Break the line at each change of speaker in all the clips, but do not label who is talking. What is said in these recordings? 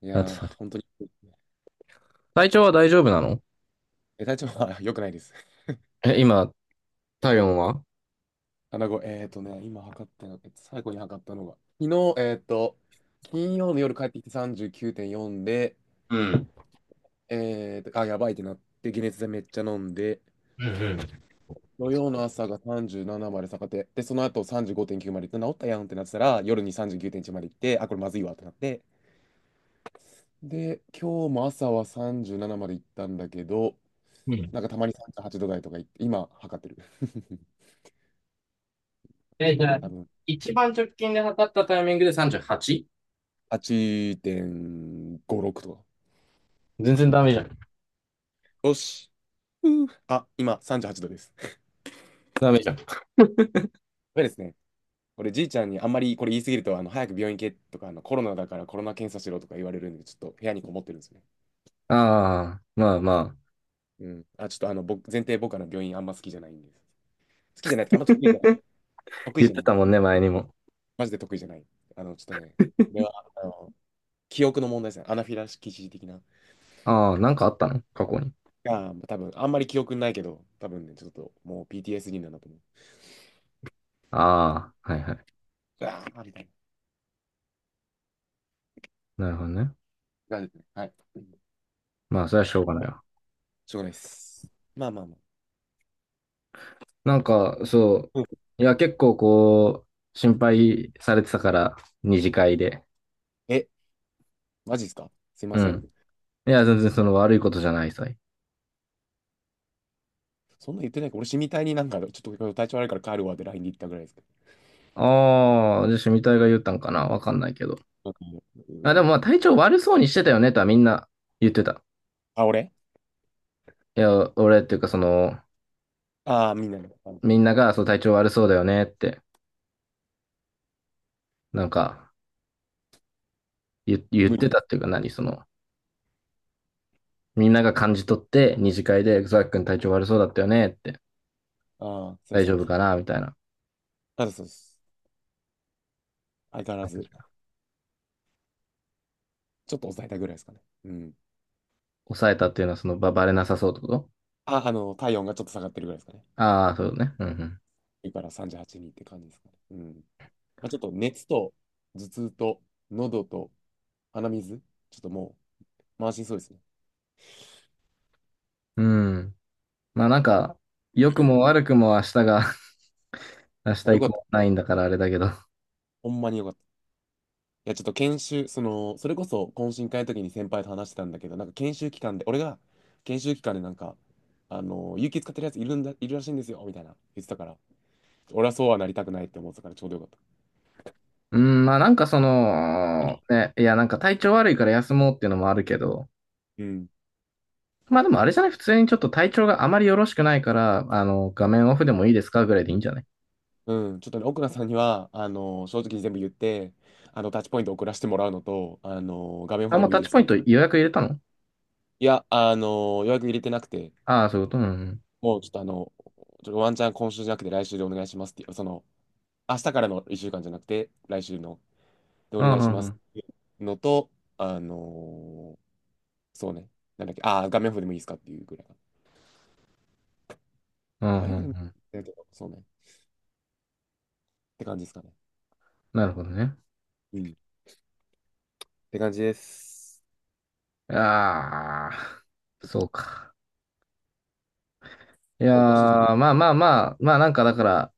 い
さて
やー、
さて。
本当に。
体調は大丈夫なの？
え、体調は 良くないです。
え、今、体温は、
穴子、今測ったの、最後に測ったのが、昨日、金曜の夜帰ってきて39.4で、
うん。
あ、やばいってなって、解熱剤めっちゃ飲んで、
うん
土曜の朝が37まで下がって、で、その後35.9まで行って、治ったやんってなってたら、夜に39.1まで行って、あ、これまずいわってなって、で、今日も朝は37まで行ったんだけど、
うん。う
なん
ん。
かたまに38度台とか行って、今測ってる。
え、じゃあ、
多分
一番直近で測ったタイミングで 38？
8.56とか。
全然ダ
あ
メじ
き
ゃん。
よし。うーあ、今38度です。
ダメじゃん。
やれですね。これじいちゃんにあんまりこれ言い過ぎると、早く病院行けとか、コロナだからコロナ検査しろとか言われるんで、ちょっと部屋にこもってるんですね。
ああ、まあまあ。
うん。あ、ちょっと僕、前提僕は病院あんま好きじゃないんです。好きじゃないとか、あんま得意じゃない。得意
言
じ
っ
ゃ
て
ない。
たもんね、前にも。
マジで得意じゃない。ちょっとね、これは、記憶の問題ですね。アナフィラキシー的な。
ああ、なんかあったの過去に？
あ多分、あんまり記憶ないけど、多分ね、ちょっともう PTSD なんだと思う。
ああ、はいはい。
ああ、みたい
なるほどね。
な。感じですね、はい。
まあ、それはしょうがないわ。
しょうがないです。まあまあまあ。
なんか、そ
うん、
う。いや、結構こう、心配されてたから、二次会で。
え、マジですか、すい
う
ません。
ん。いや、全然その悪いことじゃないさ。
そんな言ってないか、俺、死みたいになんか、ちょっと今日体調悪いから帰るわって LINE で言ったぐらいですけ
ああ、じゃあ、シュミ隊が言ったんかなわかんないけど。
ど。う
あ、でもま
ん、
あ、体調悪そうにしてたよねとはみんな言ってた。
あ、俺、
いや、俺っていうか、その、
ああー、みんなの。
みんなが、そう、体調悪そうだよねって、なんか、言、言っ
無理。
てたっていうか、何、その、みんなが感じ取って、二次会で、ザックン体調悪そうだったよねって、
ああ、すいま
大
せん。
丈夫かなみたいな。
あ、そうです。相変わらず、ちょっと抑えたぐらいですかね。うん。
抑えたっていうのは、その、バレなさそうってこと？
あ、体温がちょっと下がってるぐらいですかね。
ああー、そうね。うん
だから38人って感じですかね。うん。まあ、ちょっと熱と、頭痛と、喉と、鼻水、ちょっともう、満身そうですね。
うん。うん。まあ、なんか、良くも悪くも明日が 明
まあ
日
よ
以
かっ
降
た。
ないんだからあれだけど、
ほんまによかった。いや、ちょっと研修、その、それこそ懇親会の時に先輩と話してたんだけど、なんか研修期間で、俺が研修期間でなんか、有給使ってるやついるんだ、いるらしいんですよ、みたいな言ってたから、俺はそうはなりたくないって思ってたからちょうどよかった。
うん、まあなんかそ
う
の、
ん
ね、いやなんか体調悪いから休もうっていうのもあるけど、
うん。
まあでもあれじゃない、普通にちょっと体調があまりよろしくないから、画面オフでもいいですかぐらいでいいんじゃない？
うん、ちょっとね、奥野さんには、正直に全部言って、タッチポイント送らせてもらうのと、画面オフ
あ、
で
もう
もい
タ
い
ッ
で
チ
す
ポイン
か。
ト予約入れたの？
いや、予約入れてなくて、
ああ、そういうことうん。
もうちょっとちょっとワンチャン今週じゃなくて来週でお願いしますっていう、その、明日からの1週間じゃなくて、来週のでお
う
願
ん、
い
う
し
ん、う
ます
ん。
っていうのと、あのーそうね、なんだっけ、ああ、画面オフでもいいですかっていうぐらいか
うん、う
な。
ん、
画
うん
面オフでもいい
うん、
けど、そうね、って感じですかね。
なるほどね。
うん。って感じです。
ああ、そうか。いや
おかしい。
ー、まあまあまあ、まあなんかだから、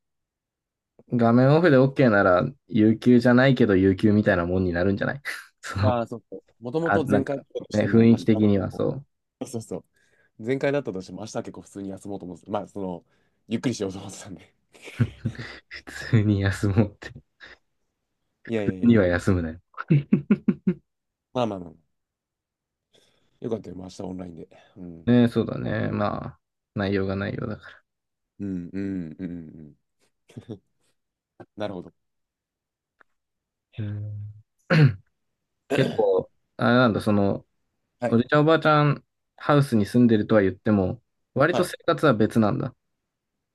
画面オフで OK なら、有給じゃないけど有給みたいなもんになるんじゃない？ そう。
ああ、そうそう。もとも
あ、
と
なん
前
か、
回だったとし
ね、
て
雰
も、
囲
明
気
日、
的
そ
にはそう。
うそうそう。前回だったとしても、明日は結構普通に休もうと思ってた。まあ、その、ゆっくりしようと思ってたんで。
普通に休もうって。
いやい
普
や
通
い
に
や、
は休むなよ。
まあまあまあ。よかったよ、明日オンラインで。うん。
ね、そうだね。まあ、内容が内容だか
うんうんうんうんうん。なるほど。
ら。うん。 結構、あれなんだ、その、
は
お
い。
じちゃんおばあちゃんハウスに住んでるとは言っても、割
は
と
い。
生活は別なんだ？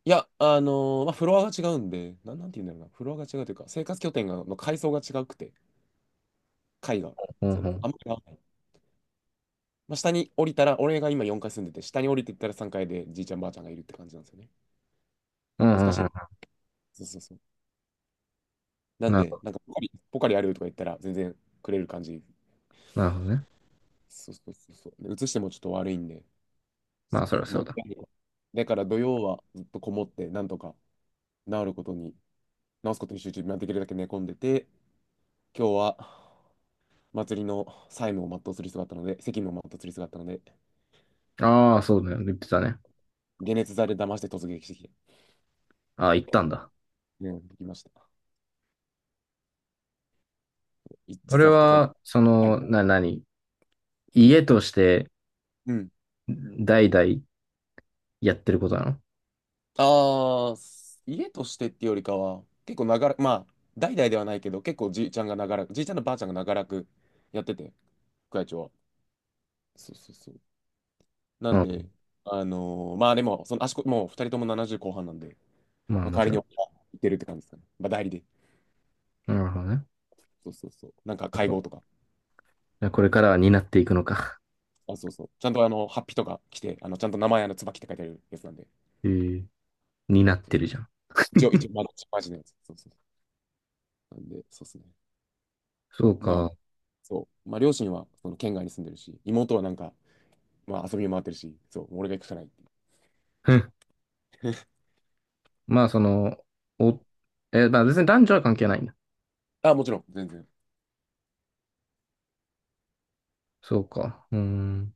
いや、まあ、フロアが違うんで、なんて言うんだろうな、フロアが違うというか、生活拠点がの階層が違くて、階が、
ほん
そ
ほ
の、あ
ん。
んまり合わない。まあ、下に降りたら、俺が今4階住んでて、下に降りていったら3階でじいちゃんばあちゃんがいるって感じなんですよね。
う
難
ん
し
う
い
んう
な。そうそうそう。な
ん。
ん
なる
で、
ほ
なんかポカリあるとか言ったら、全然くれる感じ。
ど、なるほどね。
そうそうそうそう。で、移してもちょっと悪いんで、
まあ、
そう。
そりゃそ
ま
う
あ、
だ。
だから土曜はずっとこもって、なんとか治ることに、治すことに集中、まあできるだけ寝込んでて、今日は、祭りの債務を全うする必要があったので、責務を全うする必要があったので、
ああ、そうだよね。言ってたね。
解熱剤で騙して突撃してきて、
ああ、行ったんだ。
うん、できました。い
俺
実は副会、
は、そ
はい、
の、何家として
うん。
代々やってることなの？
ああ、家としてっていうよりかは、結構長らく、まあ、代々ではないけど、結構じいちゃんが長らく、じいちゃんのばあちゃんが長らくやってて、副会長は。そうそうそう。な
う
ん
ん。
で、まあでも、その足こ、もう二人とも70後半なんで、
ま
ま
あ、
あ、
も
代わ
ち
り
ろ
に
ん。
行ってるって感じですかね。まあ代理で。
なるほどね。
そうそうそう。なんか会合とか。
これからは担っていくのか？
あ、そうそう。ちゃんとハッピーとか来て、ちゃんと名前、椿って書いてあるやつなんで。
へえー、担ってるじゃん。
一応、まあ、マジのやつ。そうそう。なんで、そうですね。
そう
ま
か。
あ、そう。まあ、両親は、その、県外に住んでるし、妹はなんか、まあ、遊び回ってるし、そう、俺が行くしかないっていう。
ふん。まあ、その、お、まあ別に男女は関係ないんだ？
あ、もちろん、全然。
そうか。うーん。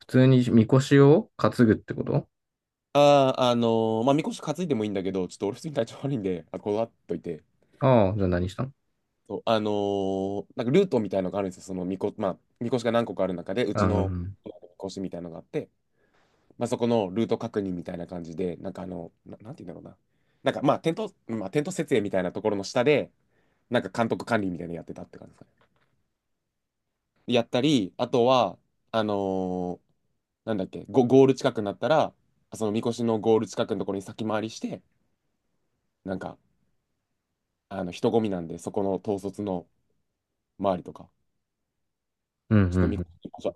普通にみこしを担ぐってこと？
ああ、まあ、みこし担いでもいいんだけど、ちょっと俺普通に体調悪いんで、あ、こだわっといて。
ああ、じゃあ何したの？
そう、なんかルートみたいのがあるんですよ。そのみこ、まあ、みこしが何個かある中で、う
ああ、
ち
う
の、
ん、
みこしみたいのがあって、まあ、そこのルート確認みたいな感じで、なんかなんて言うんだろうな。なんかまあ、テント、まあ、テント設営みたいなところの下で、なんか監督管理みたいなのやってたって感じですかね。やったり、あとは、あのーなんだっけ、ゴール近くになったら、そのみこしのゴール近くのところに先回りして、なんか、人混みなんで、そこの統率の周りとか、
うん、う
ちょっと
ん、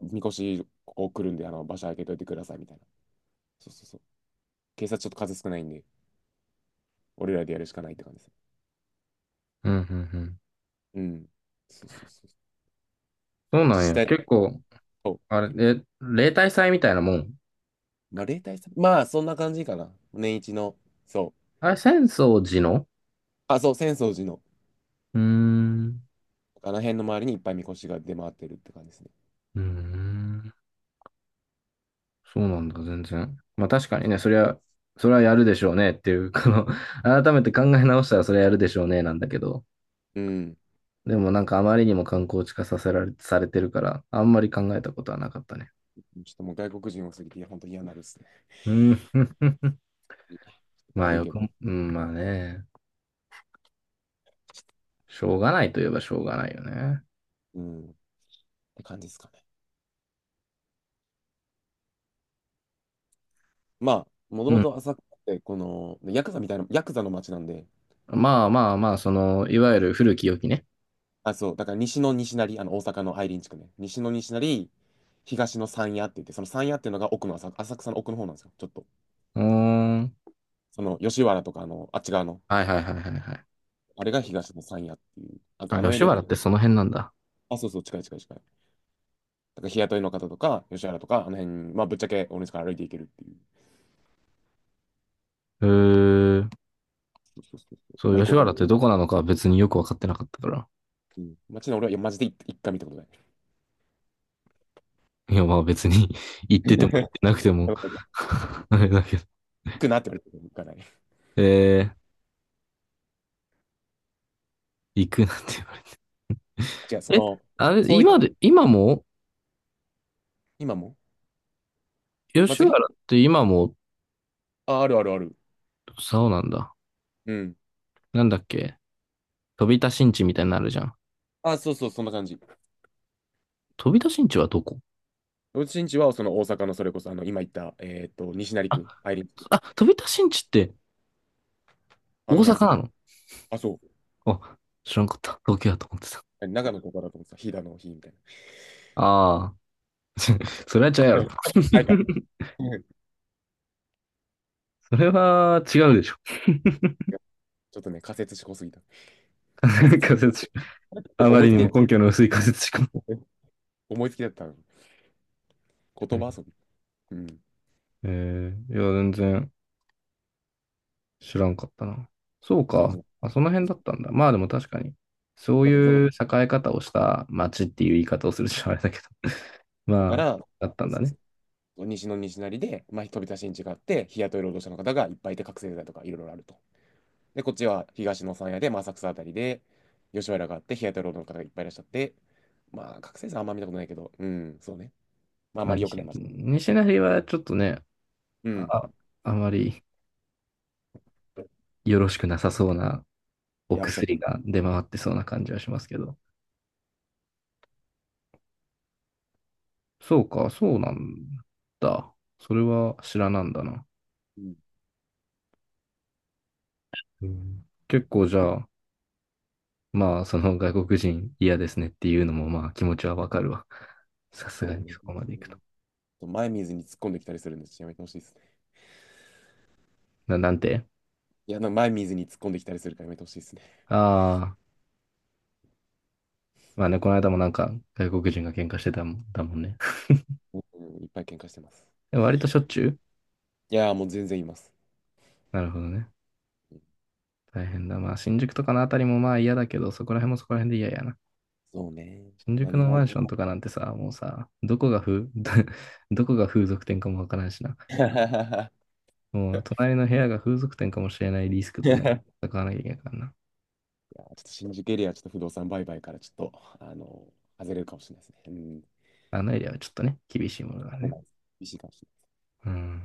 みこし、ここ来るんで、場所空けといてくださいみたいな。そうそうそう。警察ちょっと数少ないんで、俺らでやるしかないって感じです。
うん、うん、うん。
うん。そうそうそう。
そうな
自
ん
治
や。
体
結構、
と、
あれ、え、例大祭みたいなもん？
まあ、例大さん、まあ、そんな感じかな。年一の、そう。
あれ、浅草寺の？
あ、そう、浅草寺の、
うーん。
あの辺の周りにいっぱいみこしが出回ってるって感じですね。
うーん。そうなんだ、全然。まあ確かにね、そりゃ、それはやるでしょうねっていう、この 改めて考え直したらそれはやるでしょうねなんだけど、
うん。
でもなんかあまりにも観光地化させられ、されてるから、あんまり考えたことはなかったね。
ちょっともう外国人多すぎて、いや本当嫌になるですね。
うん、まあ
悪い
よ
け
く
ど。
も、うん、まあね、しょうがないといえばしょうがないよね。
うん。って感じですかね。まあ、もと
う
も
ん。
と浅草って、この、ヤクザみたいな、ヤクザの街なんで、
まあまあまあ、その、いわゆる古き良きね。
あ、そう、だから西の西成、大阪の愛林地区ね。西の西成、東の山谷って言って、その山谷っていうのが奥の浅、浅草の奥の方なんですよ。ちょっと。
うーん。
その、吉原とか、あっち側の、
はいはいはいはいはい。
あれが東野さんやっていう。なんか
あ、
あのエ
吉
リアな
原
の。
ってその辺なんだ。
あ、そうそう、近い近い近い。だから日雇いの方とか、吉原とか、あの辺、まあ、ぶっちゃけ俺の家から歩いていけるっていう。
へー、
そうそうそうそう。
そ
ま
う、
あ、行こ
吉
うと
原
思
っ
う。
てどこなのかは別によくわかってなかったから。
うん。街の俺は、いや、マジで一回見たことない。
いや、まあ別に 行ってても行っ てなくても
だから
あれだけど。
行くなって言われても行かない。
えー、行くなんて言わ
違うそ
れて。え、
の、
あれ、
そうい、
今で、今も、
今も
吉
祭
原
り、
って今も、
あ、あるあるある。
そうなんだ。
うん。
なんだっけ、飛田新地みたいになるじゃん。
あ、そうそう、そんな感じ。
飛田新地はどこ？
うちんちは、その大阪のそれこそ、今言った、西成
あ、
区、愛林区、
あ、飛田新地って
あ
大
の
阪
辺。
なの？
あ、そ
あ、知らんかった。東京やと思ってた。
う。長野とかだと思ってた、飛騨の日みたい
ああ、それは違うやろ。
な。ないか。
それは違うでしょ。
ちょっとね、仮説しこすぎた。仮 説、
仮説しか。あま
思い
り
つ
に
きだ
も
よ。
根拠の薄い仮説しか。
思いつきだったの。
は
言
い。
葉遊び。うん。っ
えいや、全然。知らんかったな。そう
て感じ
か。
で
あ、その辺だ
す。
ったんだ。まあでも確かに、そう
だか
いう栄え方をした町っていう言い方をするしあれだけど。まあ、
ら
だった
そ
ん
う
だ
そう
ね。
そう西の西成で、まあ、飛び出しに違って、日雇い労働者の方がいっぱいいて、覚醒剤とかいろいろあると。で、こっちは東の山屋で、まあ、浅草あたりで、吉原があって、日雇い労働の方がいっぱいいらっしゃって、まあ、覚醒剤あんま見たことないけど、うん、そうね。まあ、あん
ま
ま
あ、
り良
西、
くない街。
西成はちょっとね、
うん。
あ、あまりよろしくなさそうなお
いや、おっしゃる通
薬
り。
が出回ってそうな感じはしますけど。そうか、そうなんだ。それは知らなんだな。
うん、
うん、結構じゃあ、まあ、その外国人嫌ですねっていうのも、まあ気持ちはわかるわ。さすが
そ
にそ
う
こまで
ね。
行くと。
前水に突っ込んできたりするんで、ちっやめてほしいです。
な、なんて。
いや、なんか前見ずに突っ込んできたりするからやめてほしいですね。
ああー、まあね、この間もなんか外国人が喧嘩してたもん、だもんね。
うん、うん、いっぱい喧嘩してます。
でも割としょっちゅう、
いやー、もう全然います。
なるほどね。大変だ。まあ新宿とかのあたりもまあ嫌だけど、そこら辺もそこら辺で嫌やな。
そうね。
新
まあ、
宿
日
のマ
本。
ンションとかなんてさ、もうさ、どこが風、どこが風俗店かもわからんしな。もう隣の部屋が風俗店かもしれないリスク
い
と
や
ね、
ー、
戦わなきゃいけないからな。
ちょっと新宿エリア、ちょっと不動産売買から、ちょっと、外れるかもしれないですね。うん。
あのエリアはちょっとね、厳しいものがある
危
ね。
ないです、厳しいかもしれない。
うん。